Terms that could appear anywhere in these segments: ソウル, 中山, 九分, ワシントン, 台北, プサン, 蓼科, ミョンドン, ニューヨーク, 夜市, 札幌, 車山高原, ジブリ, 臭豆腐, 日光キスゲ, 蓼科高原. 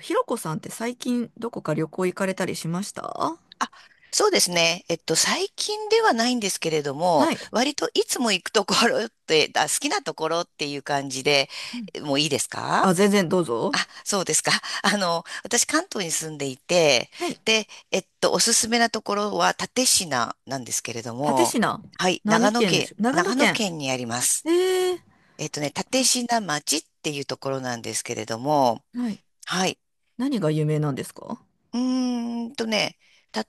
ひろこさんって最近どこか旅行行かれたりしました？そうですね。最近ではないんですけれども、はい。割といつも行くところって、好きなところっていう感じで、うん。もういいですか？あ、全然どうあ、ぞ。そうですか。私、関東に住んでいて、はい。で、おすすめなところは蓼科なんですけれども、蓼科。はい、何県でしょ？長野長野県。県にあります。ええー。えっとね、蓼科町っていうところなんですけれども、はい。はい。何が有名なんですか？うーんとね、蓼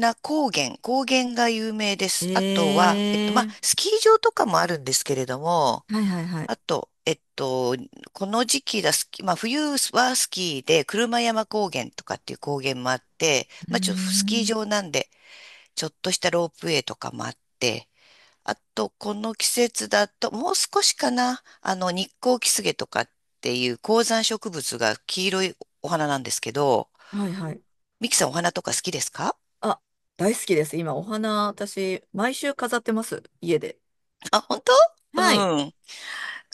科高原、高原が有名でえす。あとは、まあ、えスキー場とかもあるんですけれども、ー。はいはいはい。あと、この時期だ、スキまあ、冬はスキーで、車山高原とかっていう高原もあって、うーまあ、スキーん。場なんで、ちょっとしたロープウェイとかもあって、あと、この季節だと、もう少しかな、日光キスゲとかっていう高山植物が黄色いお花なんですけど、はいはい。ミキさんお花とか好きですか？あ、大好きです。今お花、私、毎週飾ってます。家で。あ、本当？うはい。ん。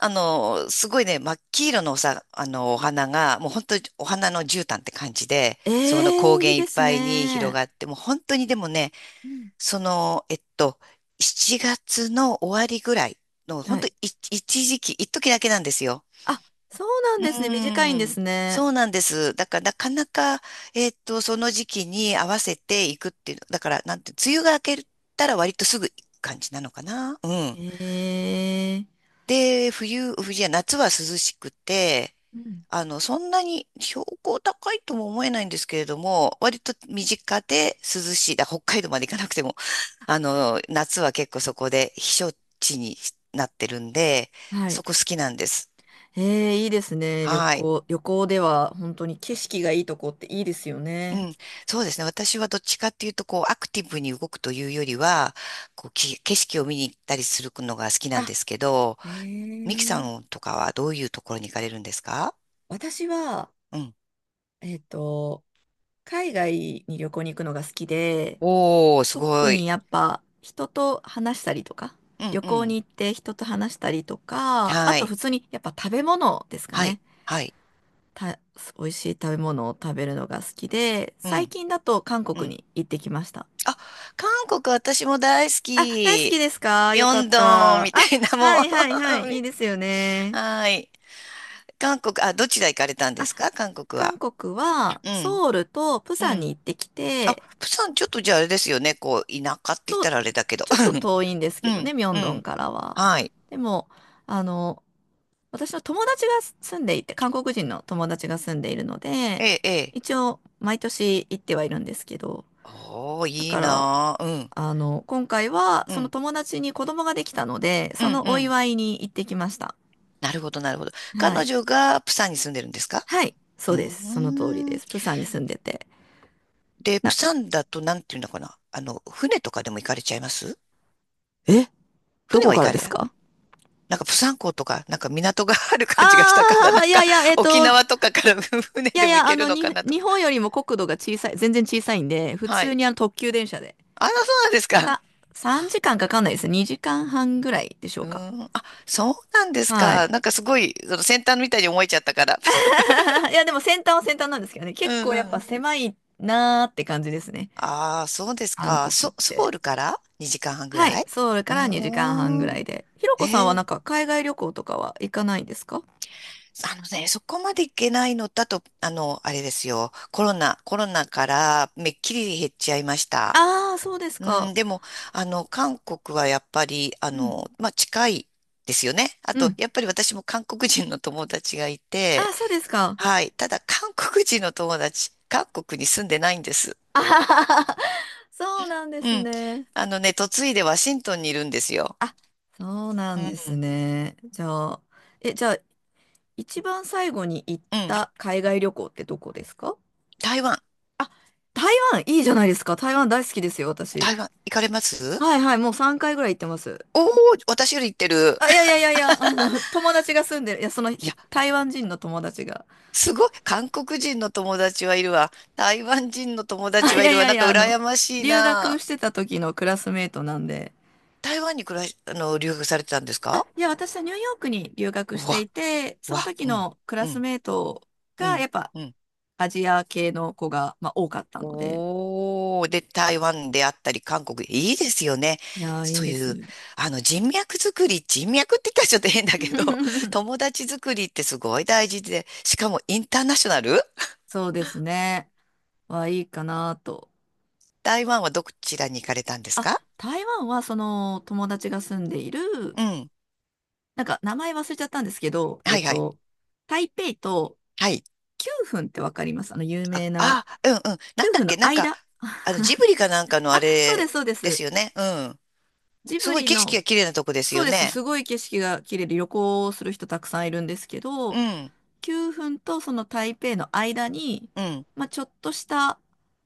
すごいね、真っ黄色のおさ、あの、お花が、もう本当にお花の絨毯って感じで、えそのえ高ー、い原いいっですぱいに広ね。がって、もう本当にでもね、うん。その、えっと、7月の終わりぐらいの、本は当い。い一時だけなんですよ。あ、そうなうんですね。短いんでーん。すそね。うなんです。だから、なかなか、その時期に合わせていくっていう、だから、なんて、梅雨が明けたら割とすぐ行く感じなのかな。うん。ええ。で、冬、冬じゃ、夏は涼しくて、うん。そんなに標高高いとも思えないんですけれども、割と身近で涼しい。北海道まで行かなくても、夏は結構そこで避暑地になってるんで、はい。そこ好きなんです。えー、いいですね。旅はい。行。旅行では本当に景色がいいとこっていいですようね。ん。そうですね。私はどっちかっていうと、こう、アクティブに動くというよりは、こう、景色を見に行ったりするのが好きなんあ、ですけど、えミキさー、んとかはどういうところに行かれるんですか？私は、うん。えっと、海外に旅行に行くのが好きで、おー、す特ごい。にやっぱ人と話したりとか、うん旅う行ん。に行って人と話したりとか、あはとい。普通にやっぱ食べ物ですかはい。ね。はい。た、美味しい食べ物を食べるのが好きで、う最ん。近だと韓う国ん。に行ってきました。あ、韓国私も大好あ、大好きき。ですか？ミよョかっンドンた。みたあ、いなもはう いはいはい。いいですよ ね。はい。韓国、あ、どちら行かれたんであ、すか、韓国韓は。国はうん。ソウルとプうサンにん。行ってきあ、て、プサンちょっとじゃああれですよね。こう、田舎って言っそたう、らあれだけど。ちょっと遠いんです うけどね、ん。ミョンうドンん。からは。はい。でも、あの、私の友達が住んでいて、韓国人の友達が住んでいるので、ええ。一応毎年行ってはいるんですけど、おー、だいいから、なあ。うん。あの、今回はうそのん。友達に子供ができたので、うそん。のうおん。祝いに行ってきました。なるほど、なるほど。は彼い。女がプサンに住んでるんですか？はい、うそうです。その通りーでん。す。プサンに住んでて。で、プな、サンだとなんていうのかな。あの、船とかでも行かれちゃいます？え、ど船こは行からかでれすない？か？なんかプサン港とか、なんか港があるあ感じがしたから、なんあー、いやかいや、沖い縄とかから 船でやいも行や、あけるの、のかなと日か。本よりも国土が小さい、全然小さいんで、普は通い。にあの特急電車で。あら、そうなんですか。さ、3時間かんかかんないですね。2時間半ぐらいでしょううか。ーん。あ、そうなんですはい。か。なんかすごい、その先端みたいに思えちゃったから。いや、でも先端は先端なんですけどね、う結ん構やっうぱん。狭いなーって感じですね。ああ、そうです韓か。国っソウて。ルから2時間半ぐはらい、い？ソウルからあ2時間半ぐあらいで。ひろー、こさんはえなー、んか海外旅行とかは行かないんですか？あのね、そこまでいけないのだと、あの、あれですよ。コロナからめっきり減っちゃいました。ああー、そうですうか。ん、でも、韓国はやっぱり、うん。まあ、近いですよね。あうと、ん。やっぱり私も韓国人の友達がいて、あ、そうですか。はい。ただ、韓国人の友達、韓国に住んでないんです。あはははそうなんでうすん。ね。あのね、嫁いでワシントンにいるんですよ。あ、そうなうんですん、ね。じゃあ、え、じゃあ、一番最後に行っうん。た海外旅行ってどこですか？台湾、台湾、いいじゃないですか。台湾大好きですよ、私。台湾、行かれます？はいはい、もう3回ぐらい行ってます。お、おー、私より行ってる。あ、いやいやいやいや、あの、友達が住んでる、いや、その、ひ 台湾人の友達が。すごい、韓国人の友達はいるわ、台湾人の友あ、達いはいやるいわ。やいなんかや、あの、羨ましい留学な。してた時のクラスメートなんで、台湾に暮らし、あの、留学されてたんですあ、か？いや、私はニューヨークに留学うしてわ、いて、そのわ、時うん、のクうラスん、メートうが、やん、っぱうん。アジア系の子が、まあ、多かったので、おー、で、台湾であったり、韓国、いいですよね。いやー、いいそうでいう、す。人脈作り、人脈って言ったらちょっと変だけど、友 達作りってすごい大事で、しかもインターナショナル。そうですね。は、いいかなと。台湾はどちらに行かれたんですあ、か？台湾は、その、友達が住んでいる、うん、なんか、名前忘れちゃったんですけど、はいはい、台北とはい。9分ってわかります？あの、有あ、名な、あ、うんうん。なん9だっ分のけ、なんか、間。ジブリかなんかのああ、そうでれす、そうでです。すよね。うん。ジすブごいリ景色のが綺麗なとこですそようです。ね。すごい景色が綺麗で旅行をする人たくさんいるんですけうど、ん、9分とその台北の間に、うん、まあ、ちょっとした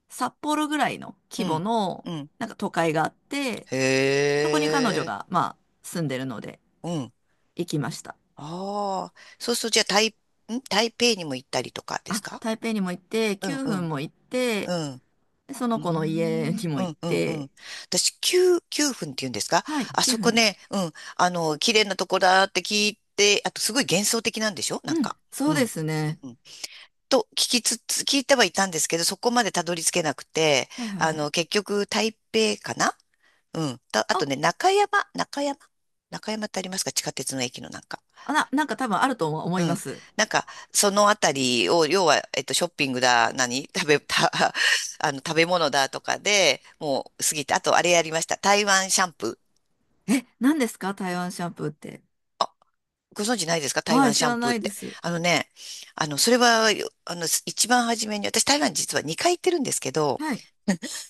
札幌ぐらいのう規模ん、のうん。なんか都会があって、へそこに彼女え、がまあ住んでるのでうん。行きました。ああ、そうすると、じゃあ、台北にも行ったりとかですあ、か？台北にも行って、うん9う分ん、も行って、うん。でそうのー子の家ん、にうも行っん、うん、うて、ん。私、九分っていうんですか？はい、あ9そ分こです。ね、うん。綺麗なとこだって聞いて、あと、すごい幻想的なんでしょ、なんうん、か。そううでん。すね。と聞きつつ、聞いてはいたんですけど、そこまでたどり着けなくて、はいはいあはい。の、結局、台北かな。うん。たあとあ、ね、中山中山ってありますか、地下鉄の駅のなんか。なんか多分あると思いうまん。す。なんか、そのあたりを、要は、ショッピングだ、何食べ、食べ物だとかで、もう過ぎて、あと、あれやりました。台湾シャンプー。え、何ですか台湾シャンプーって。ご存知ないですか、台は湾い、シ知ャンらプーなっいでて。す。あのね、あの、それは、よあの、一番初めに、私台湾実は2回行ってるんですけど、はい。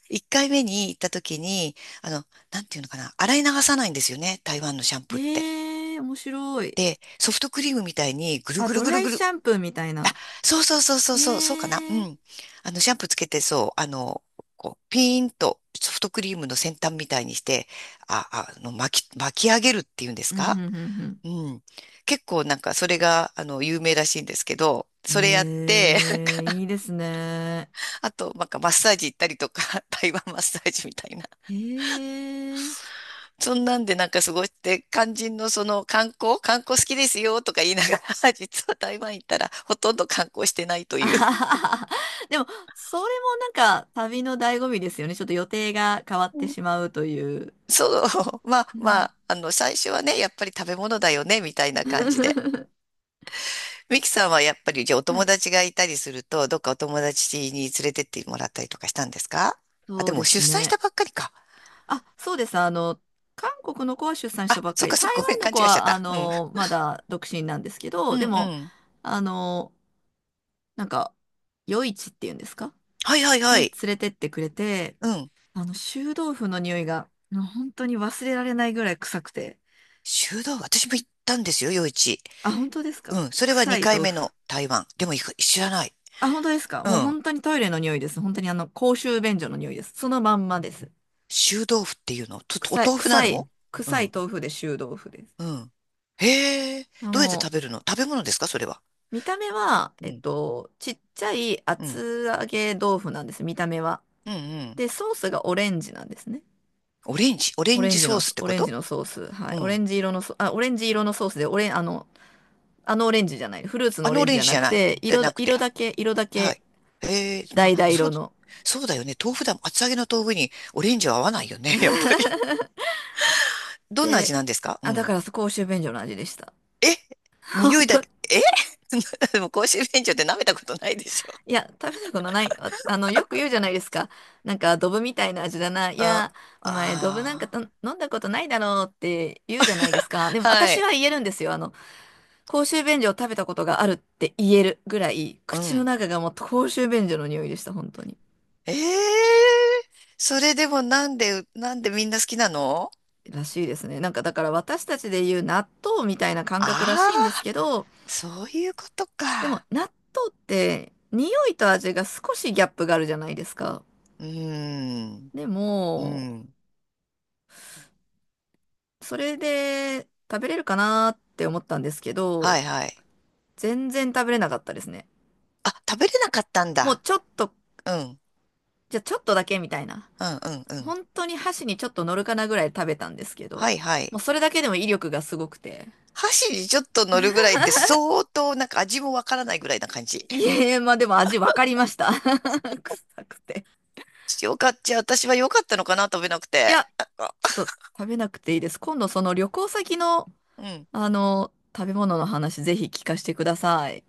一回目に行った時に、あの、なんていうのかな、洗い流さないんですよね、台湾のシャンプーって。へえ、面白い。で、ソフトクリームみたいにぐるあ、ぐるドぐるラぐイシる。ャンプーみたいな。そうそうそうそうそう、そうかな。うへえ。ん。シャンプーつけて、そう、こう、ピーンとソフトクリームの先端みたいにして、あ、巻き上げるっていうんですうん、うか？ん、うん、うん。うん。結構なんかそれが、有名らしいんですけど、それやって、へえ、いいですね。あと、なんかマッサージ行ったりとか、台湾マッサージみたいな。へえ。そんなんでなんか過ごして、肝心のその観光好きですよとか言いながら、実は台湾行ったらほとんど観光してないとあいう。はははでも、それもなんか旅の醍醐味ですよね。ちょっと予定が変わっうてん。しまうという。そう、まあうまん。 あ、最初はね、やっぱり食べ物だよね、みたいな感じで。ミキさんはやっぱり、じゃあおは友い、達がいたりすると、どっかお友達に連れてってもらったりとかしたんですか？あ、そでうでも出す産したね。ばっかりか。あ、そうです。あの、韓国の子は出産したあ、ばっかそっり、かそ台っか、ごめ湾ん、の勘子違いしちゃっは、あた。うん。の、まだ独身なんですけうど、んうでも、ん。あの、なんか、夜市っていうんですか？はいはいはに連い。れてってくれて、うん。あの、臭豆腐の匂いが、もう本当に忘れられないぐらい臭くて。修道、私も行ったんですよ、夜市。あ、本当ですうか？ん。それは臭い2回豆目腐。の台湾。でもいく知らない。あ、本当ですか？うもうん。本当にトイレの匂いです。本当にあの、公衆便所の匂いです。そのまんまです。臭豆腐っていうのちょっとお臭い、豆腐な臭の？い、う臭いん。豆腐で臭豆腐です。うん。へえ。あどうやっても食う、べるの、食べ物ですかそれは。見た目は、うん。ちっちゃいうん。厚揚げ豆腐なんです、見た目は。うんうん。で、ソースがオレンジなんですね。オレンジオレオンレジンジソのースソ、ってオこレンと？ジのソース。はい。うオレん。ンジ色のソ、あ、オレンジ色のソースで、オレン、あの、あのオレンジじゃない。フルーツのあオのレオンジレじンゃジじなゃくない。て、じゃ色なだ、くて。色だけ、色だはけ、い。へえ。まあ、橙そう、色の。そうだよね。豆腐だもん。厚揚げの豆腐にオレンジは合わないよね。やっぱり。どんな味で、なんですか？うあ、だん。から公衆便所の味でした。え、 本匂いだ当け？え でも公衆便所って舐めたことないでし？いや、食べたことない。あ、あの、よく言うじゃないですか。なんか、ドブみたいな味だな。いあや、お前、ドブなんかあと飲んだことないだろうって言うじゃないですか。でー、も、は私い。は言えるんですよ。あの、公衆便所を食べたことがあるって言えるぐらい、う口のん。中がもう公衆便所の匂いでした、本当に。ええ、それでもなんで、なんでみんな好きなの？らしいですね。なんか、だから私たちで言う納豆みたいな感あ覚らしいんですあけど、ー、そういうことでも、か。納豆って、匂いと味が少しギャップがあるじゃないですか。うーん、でうも、ん。それで食べれるかなって思ったんですけはど、いはい。全然食べれなかったですね。あ、食べれなかったんもうだ。ちょっと、うん、じゃあちょっとだけみたいな。うん、うん、うん。本当に箸にちょっと乗るかなぐらい食べたんですけはど、いはもうい。それだけでも威力がすごくて。箸にちょっと乗るぐらいって相当なんか味もわからないぐらいな感じ。いえ、まあでも味わかりました。臭くて。よかった。じゃあ私は良かったのかな、食べなくいて。や、なんか、ちょっと食べなくていいです。今度その旅行先の、うん。あの、食べ物の話ぜひ聞かせてください。